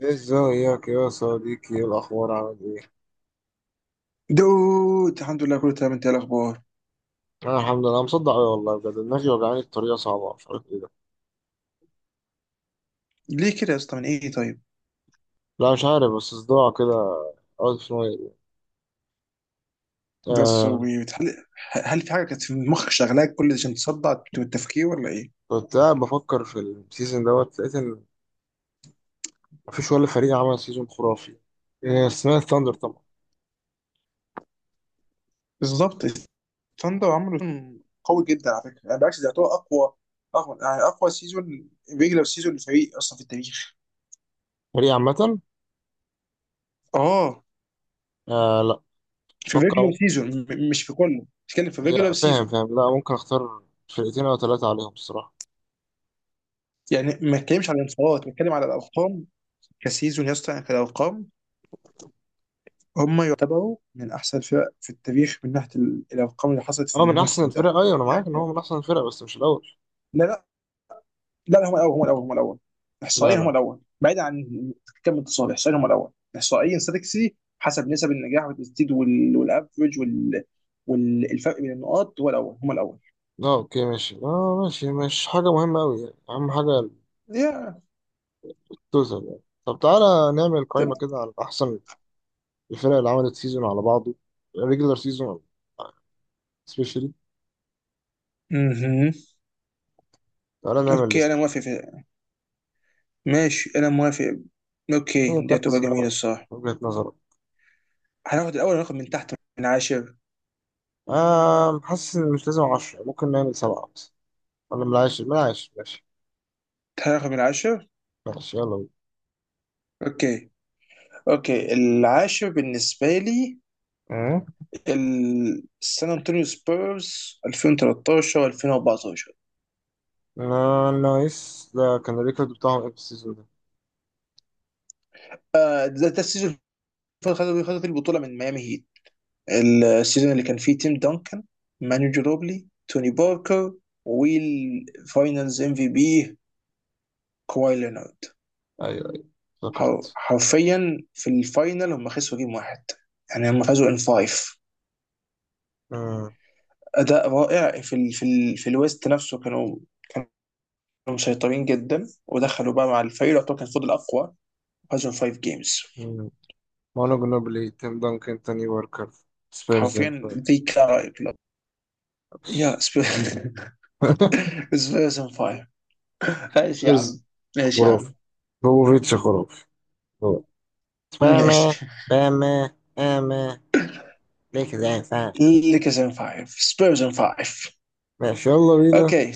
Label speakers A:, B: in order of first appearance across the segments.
A: إيه، ازيك يا صديقي؟ ايه الاخبار؟ عامل ايه؟
B: دود، الحمد لله كله تمام. انت ايه الاخبار؟
A: انا الحمد لله. أنا مصدع أوي والله بجد، دماغي وجعاني بطريقه صعبه، مش عارف ايه ده.
B: ليه كده يا اسطى؟ من ايه؟ طيب.
A: لا، مش عارف، بس صداع كده. اوت اوف نوير.
B: ده
A: آه.
B: السويت. هل في حاجه كانت في مخك شغلاك كل ده عشان تصدع التفكير ولا ايه؟
A: كنت قاعد بفكر في السيزون دوت لقيت ان مفيش ولا فريق عمل سيزون خرافي. آه، سمعت ثاندر طبعا.
B: بالظبط. الثاندر عملوا سيزون قوي جدا على فكره، يعني بالعكس ده يعتبر اقوى يعني اقوى سيزون، ريجلر سيزون للفريق اصلا في التاريخ.
A: فريق عامه.
B: اه،
A: آه، لا.
B: في
A: اتوقع
B: ريجلر
A: ممكن.
B: سيزون مش في كله، بتكلم في ريجلر
A: لا، فاهم
B: سيزون.
A: فاهم، لا ممكن اختار فرقتين او ثلاثه عليهم الصراحه.
B: يعني ما اتكلمش على الانتصارات، بتكلم على الارقام كسيزون يا اسطى، يعني كالارقام. هم يعتبروا من أحسن الفرق في التاريخ من ناحية الأرقام اللي حصلت في
A: هو من احسن
B: الموسم ده.
A: الفرق، ايوه انا معاك ان هو من احسن الفرق بس مش الاول.
B: لا لا لا، لا، هم الأول، هم الأول، هم الأول.
A: لا
B: إحصائيا هم
A: لا.
B: الأول، بعيد عن كم اتصال. إحصائيا هم الأول، إحصائيا ستاتيك سيتي حسب نسب النجاح والتسديد والأفرج والفرق بين النقاط هو الأول، هم الأول.
A: اه، اوكي ماشي، اه، ماشي، مش حاجة مهمة أوي يعني، أهم حاجة
B: يا
A: توصل يعني. طب تعالى نعمل قائمة
B: تمام.
A: كده على أحسن الفرق اللي عملت سيزون على بعضه، ريجولار سيزون سبيشالي.
B: مهم.
A: تعالى نعمل
B: أوكي، أنا
A: ليست.
B: موافق ماشي، أنا موافق.
A: مين
B: أوكي، دي
A: المركز
B: هتبقى جميلة
A: الأول
B: الصراحة.
A: من وجهة نظرك؟
B: هناخد الأول، رقم من تحت من 10.
A: آه، حاسس إن مش لازم عشرة، ممكن نعمل سبعة بس. ولا بلاش، بلاش، ماشي.
B: هناخد من 10.
A: ماشي يلا بينا.
B: أوكي اوكي العاشر بالنسبه لي
A: آه.
B: سان انطونيو سبيرز 2013 2014.
A: آه، نايس، ده كان الريكورد بتاعهم إيه في السيزون ده؟
B: ده السيزون اللي خدوا فيه البطوله من ميامي هيت، السيزون اللي كان فيه تيم دانكن، مانو جروبلي، توني باركر، والفاينلز ام في بي كواي لينارد.
A: أيوه أيوه، افتكرت.
B: حرفيا في الفاينل هم خسروا جيم 1، يعني هم فازوا ان فايف.
A: آه.
B: اداء رائع في ال في ال في الويست نفسه، كانوا مسيطرين جدا، ودخلوا بقى مع الفريق اللي يعتبر كان فضل اقوى، هزم 5 جيمز.
A: مانو جنوبلي، تيم دانكن، تاني واركر. سبيرز إن
B: حرفيا
A: فايف.
B: ذي كلارا كلوب يا سبيرز، ان فايف. ماشي يا عم،
A: سبيرز.
B: ماشي يا
A: خرافي.
B: عم،
A: بوفيتش خرافي. هو. فاهمة،
B: ماشي.
A: فاهمة، فاهمة. ليك زي فاهم.
B: ليكرز ان فايف، سبيرز ان فايف.
A: ماشي يلا بينا.
B: اوكي،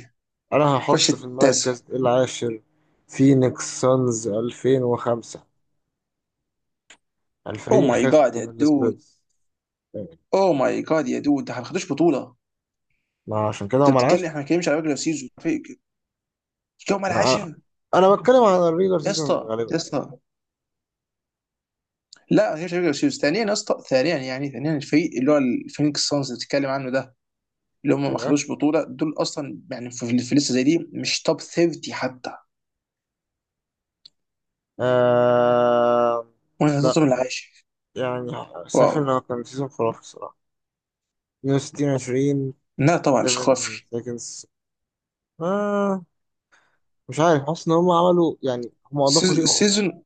A: انا
B: خش
A: هحط في
B: التاسع.
A: المركز العاشر. فينيكس سانز 2005.
B: او
A: الفريق
B: ماي جاد يا
A: الخاسر من
B: دود،
A: السبيرز.
B: او ماي جاد يا دود، ده احنا ما خدوش بطوله.
A: ما عشان كده
B: انت
A: هم
B: بتتكلم،
A: العاشر.
B: احنا ما بنتكلمش على ريجلر سيزون، هم
A: ما انا
B: العاشر.
A: أنا بتكلم عن الريجر
B: يا
A: سيزون
B: اسطى،
A: غالبا.
B: يا اسطى، لا، مش ريجلر سيزون. ثانيا يا اسطى، ثانيا يعني، ثانيا الفريق اللي هو الفينيكس سانز اللي بتتكلم عنه ده، اللي هم ما
A: أيوة.
B: خدوش بطوله دول اصلا، يعني في لسه زي دي مش توب 30 حتى،
A: آه...
B: وانا
A: لا،
B: حطيتهم العاشر.
A: يعني شايف
B: واو.
A: إنه كان سيزون خرافي الصراحة. 62-20.
B: لا طبعا مش
A: 7
B: خافي.
A: seconds. آه، مش عارف، حاسس إن هم عملوا يعني هم أضافوا شيء خ...
B: سيزون.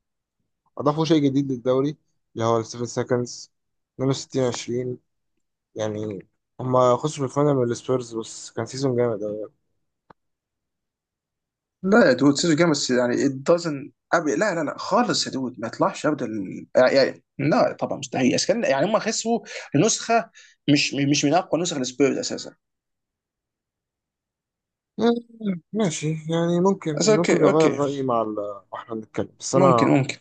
A: أضافوا شيء جديد للدوري، اللي هو ال 7 seconds. 62-20. يعني هم خسروا في الفاينل من السبيرز بس كان سيزون جامد أوي.
B: لا يا دود، سيزون جامد بس يعني it doesn't أبي، لا لا لا خالص يا دود، ما يطلعش ابدا لا طبعا مستحيل أساساً، يعني هم خسروا نسخه، مش من اقوى نسخ السبيرز اساسا.
A: آه، ماشي، يعني ممكن
B: بس
A: ممكن
B: اوكي
A: نغير
B: اوكي
A: رأيي مع واحنا بنتكلم، بس
B: ممكن
A: أنا
B: ممكن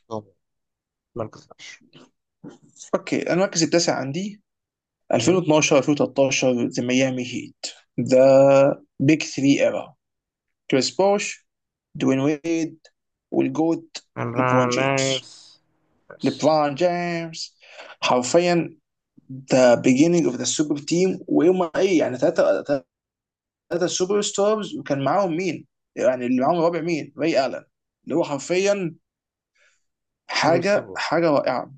A: ما انكسرش.
B: اوكي، أنا المركز التاسع عندي
A: تمام؟
B: 2012 2013 ذا ميامي هيت. ذا بيج 3 ايرا، كريس بوش، دوين ويد، والجوت،
A: أنا
B: ليبرون جيمس
A: نايس بس.
B: ليبرون جيمس حرفيا ذا beginning اوف ذا سوبر تيم، ويوم ايه يعني، ثلاثة سوبر ستارز، وكان معاهم مين؟ يعني اللي معاهم الرابع مين؟ راي الن، اللي هو حرفيا
A: سوبر ستار
B: حاجة
A: وورز.
B: حاجة رائعة.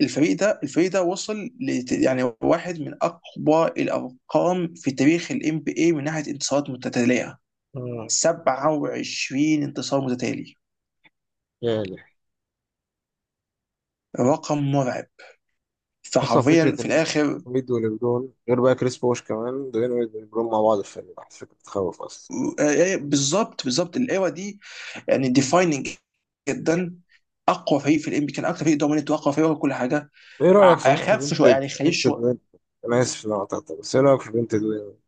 B: الفريق ده وصل ل، يعني واحد من أقوى الأرقام في تاريخ ال NBA من ناحية انتصارات متتالية،
A: مم.
B: 27 انتصار متتالي،
A: يا إلهي.
B: رقم مرعب.
A: اصلا
B: فحرفيا
A: فكره
B: في
A: ان
B: الاخر
A: ميد وليبرون، غير بقى كريس بوش كمان، دوين ويد وليبرون مع بعض في الفريق واحد، فكره تخوف اصلا.
B: آه، بالظبط، بالظبط الايرا دي يعني ديفايننج جدا. اقوى فريق في الام بي، كان اكتر فريق دومينيت واقوى فريق وكل حاجه.
A: ايه رايك صحيح في
B: اخف
A: بنت،
B: شويه يعني، خليش
A: بنت
B: شويه.
A: دوين. انا اسف ان انا قطعتك بس ايه رايك في بنت دوين ويد؟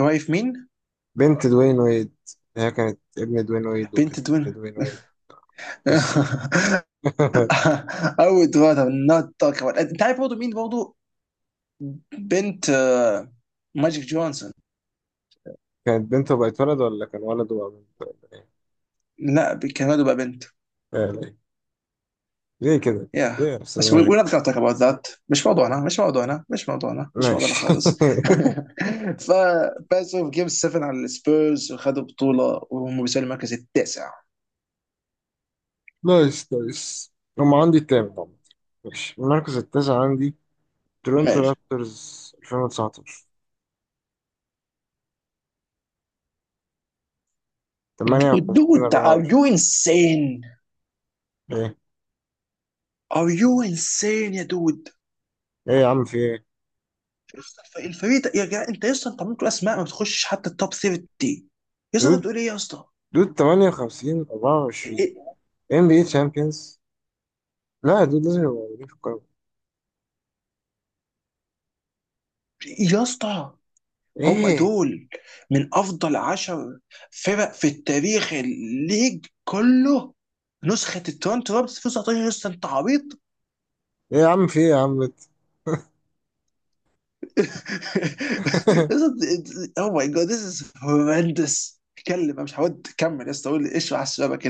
B: واقف مين؟
A: بنت دوين ويد. هي كانت ابن دوين ويد وبقت
B: بنت
A: بنت
B: دوين.
A: دوين ويد. قصه.
B: او دوين، نوت توك انت عارف برضه مين برضه، بنت آه، ماجيك جونسون.
A: كانت بنت وبقت ولد، ولا كان ولد وبقى بنت، ولا ايه؟
B: لا كان برضه بقى بنت.
A: آه، ليه؟ ليه كده؟ ليه
B: Yeah.
A: يا استاذ
B: بس
A: ماجيك؟
B: we're not gonna talk about that. مش موضوعنا، مش موضوعنا، مش موضوعنا، مش موضوعنا
A: ماشي.
B: خالص. ففازوا في جيم 7 على السبيرز وخدوا بطولة، وهم بيسألوا المركز التاسع.
A: نايس، نايس. هم عندي التامن عامة. ماشي، المركز التاسع عندي. تورنتو
B: ماشي.
A: رابترز 2019.
B: دود
A: 58
B: دود are
A: 24
B: you insane?
A: ايه؟
B: are you insane يا دود؟
A: ايه يا عم؟ في ايه؟
B: الفريق يا جدع انت يا اسطى، انت عملت اسماء ما بتخشش حتى التوب 30. يا اسطى،
A: دود،
B: انت بتقول ايه يا اسطى؟
A: دود، 58-24.
B: إيه-
A: ام بي اي تشامبيونز. لا يا دود، لازم يبقوا موجودين في القائمة.
B: يا اسطى، هم
A: ايه؟
B: دول من افضل 10 فرق في التاريخ، الليج كله. نسخة التورنتو رابترز 2019، لسه انت عبيط؟
A: ايه يا عم؟ في ايه يا عم انت؟
B: او ماي جاد، ذيس از هورندس. اتكلم، انا مش هود كمل يا اسطى، قول لي ايش على الشبك.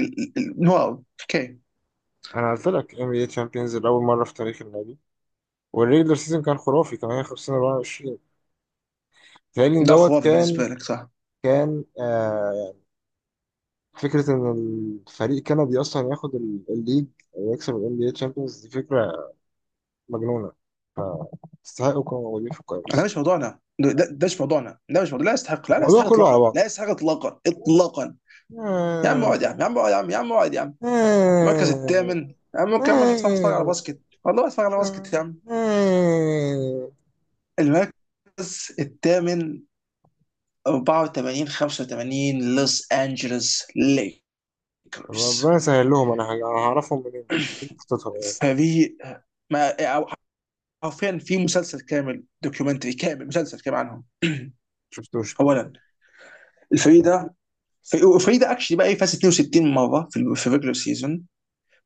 B: واو، اوكي.
A: انا قلت لك ام بي اي تشامبيونز لاول مرة في تاريخ النادي. والريجلر سيزون كان خرافي 58-24. تهيألي إن
B: ده
A: دوت
B: خرافي
A: كان
B: بالنسبة لك صح.
A: كان آه فكرة إن الفريق كندي أصلا ياخد الليج، ويكسب ال NBA Champions، دي فكرة مجنونة، فاستحقوا يكونوا موجودين في القائمة
B: انا،
A: الصراحة.
B: مش موضوعنا ده، ده مش موضوعنا، ده مش موضوع، لا يستحق، لا، لا
A: الموضوع
B: يستحق
A: كله على
B: اطلاقا،
A: بعض.
B: لا يستحق اطلاقا اطلاقا. يا عم اقعد يا
A: آه،
B: عم، يا عم اقعد يا عم، يا عم اقعد يا عم.
A: آه،
B: المركز الثامن اما، ممكن اعمل، اتفرج على
A: آه،
B: باسكت والله، اتفرج على باسكت
A: آه،
B: يا عم.
A: آه.
B: المركز الثامن 84 85 لوس انجلوس
A: ربنا
B: ليكرز.
A: يسهل لهم. انا هعرفهم منين؟ أكيد حطيتهم يعني.
B: فريق ما أو حرفيا في مسلسل كامل، دوكيومنتري كامل، مسلسل كامل عنهم.
A: شفتوش الحمد
B: اولا الفريق ده، الفريق ده اكشلي بقى إيه، فاز 62 مره في في الريجلر سيزون،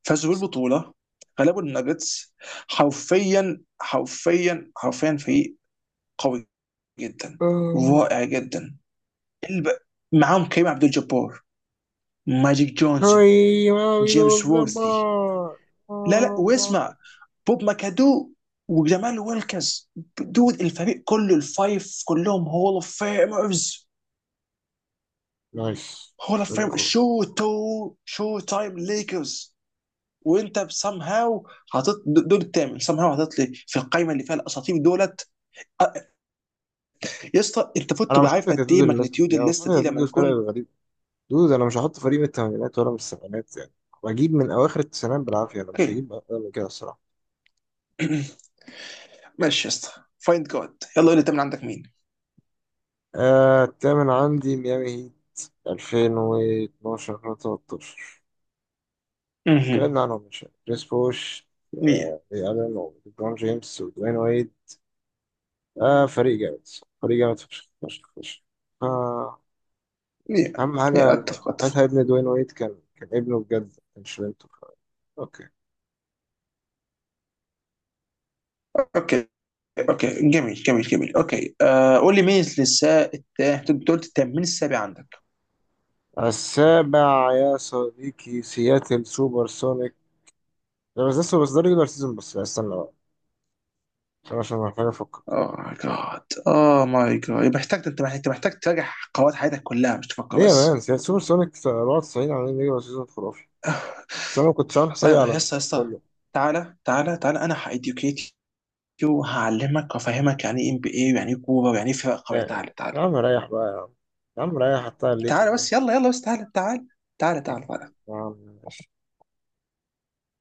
B: فازوا بالبطوله، غلبوا الناجتس. حرفيا، حرفيا، حرفيا فريق قوي جدا،
A: لله.
B: رائع جدا. الب... معاهم كريم عبد الجبار، ماجيك جونسون،
A: هاي هاي.
B: جيمس وورثي، لا لا واسمع، بوب ماكادو وجمال ويلكس. دود، الفريق كله الفايف كلهم هول اوف فيمرز.
A: نايس.
B: هول اوف
A: فريق
B: فيمرز،
A: خرافي.
B: شو تايم ليكرز. وانت بسام هاو حاطط دول التامن، سام هاو حاطط لي في القايمه اللي فيها الاساطير دولت. أ- يا اسطى، انت فوت
A: انا
B: تبقى
A: مش
B: عارف
A: حاطط
B: قد
A: يدود
B: ايه
A: للناس
B: ماجنتيود
A: دي، انا مش حاطط
B: الليسته دي
A: يدود
B: لما
A: للفرق
B: يكون.
A: الغريب. دود، انا مش هحط فريق من الثمانينات ولا من السبعينات يعني، واجيب من اواخر التسعينات بالعافيه، انا مش
B: اوكي
A: هجيب اقل من كده الصراحه.
B: ماشي يا اسطى، فايند جاد يلا، قول لي انت من عندك مين.
A: آه، التامن عندي ميامي هيت 2012 2013.
B: مهم.
A: اتكلمنا عنهم من شويه، كريس بوش،
B: 100
A: الين وبرون جيمس ودوين ويد. آه، فريق جامد. فريق جامد فشخ فشخ فشخ. آه.
B: 100.
A: اهم حاجه ان
B: اتفق اتفق.
A: ساعتها ابن دوين ويد كان ابنه بجد مش بنته. اوكي.
B: اوكي اوكي، جميل جميل جميل، اوكي. آه، قول لي مين النساء التا، انت قلت التامين، السابع عندك.
A: السابع يا صديقي، سياتل سوبر سونيكس. لا بس لسه، بس ده ريجولار سيزون بس، يعني استنى بقى، عشان محتاج افكر كده.
B: اوه ماي جاد، اوه ماي جاد، يبقى محتاج، انت محتاج، انت محتاج تراجع قواعد حياتك كلها، مش تفكر
A: ليه يا مان؟
B: بس.
A: سوبر سونيك 94 عاملين ريجولار سيزون خرافي،
B: آه،
A: بس انا ما كنتش عامل حسابي على
B: يا اسطى، يا اسطى،
A: كله
B: تعالى تعالى تعالى، انا هايديوكيت يو، وهعلمك وافهمك يعني ايه ام بي اي، ويعني ايه كوره، ويعني ايه فرق قويه.
A: يعني.
B: تعالى تعالى.
A: يا عم ريح بقى يا عم، يا عم ريح حتى
B: تعالى
A: الليكرز
B: بس، يلا يلا بس، تعالى تعالى تعالى تعالى تعالى.
A: ده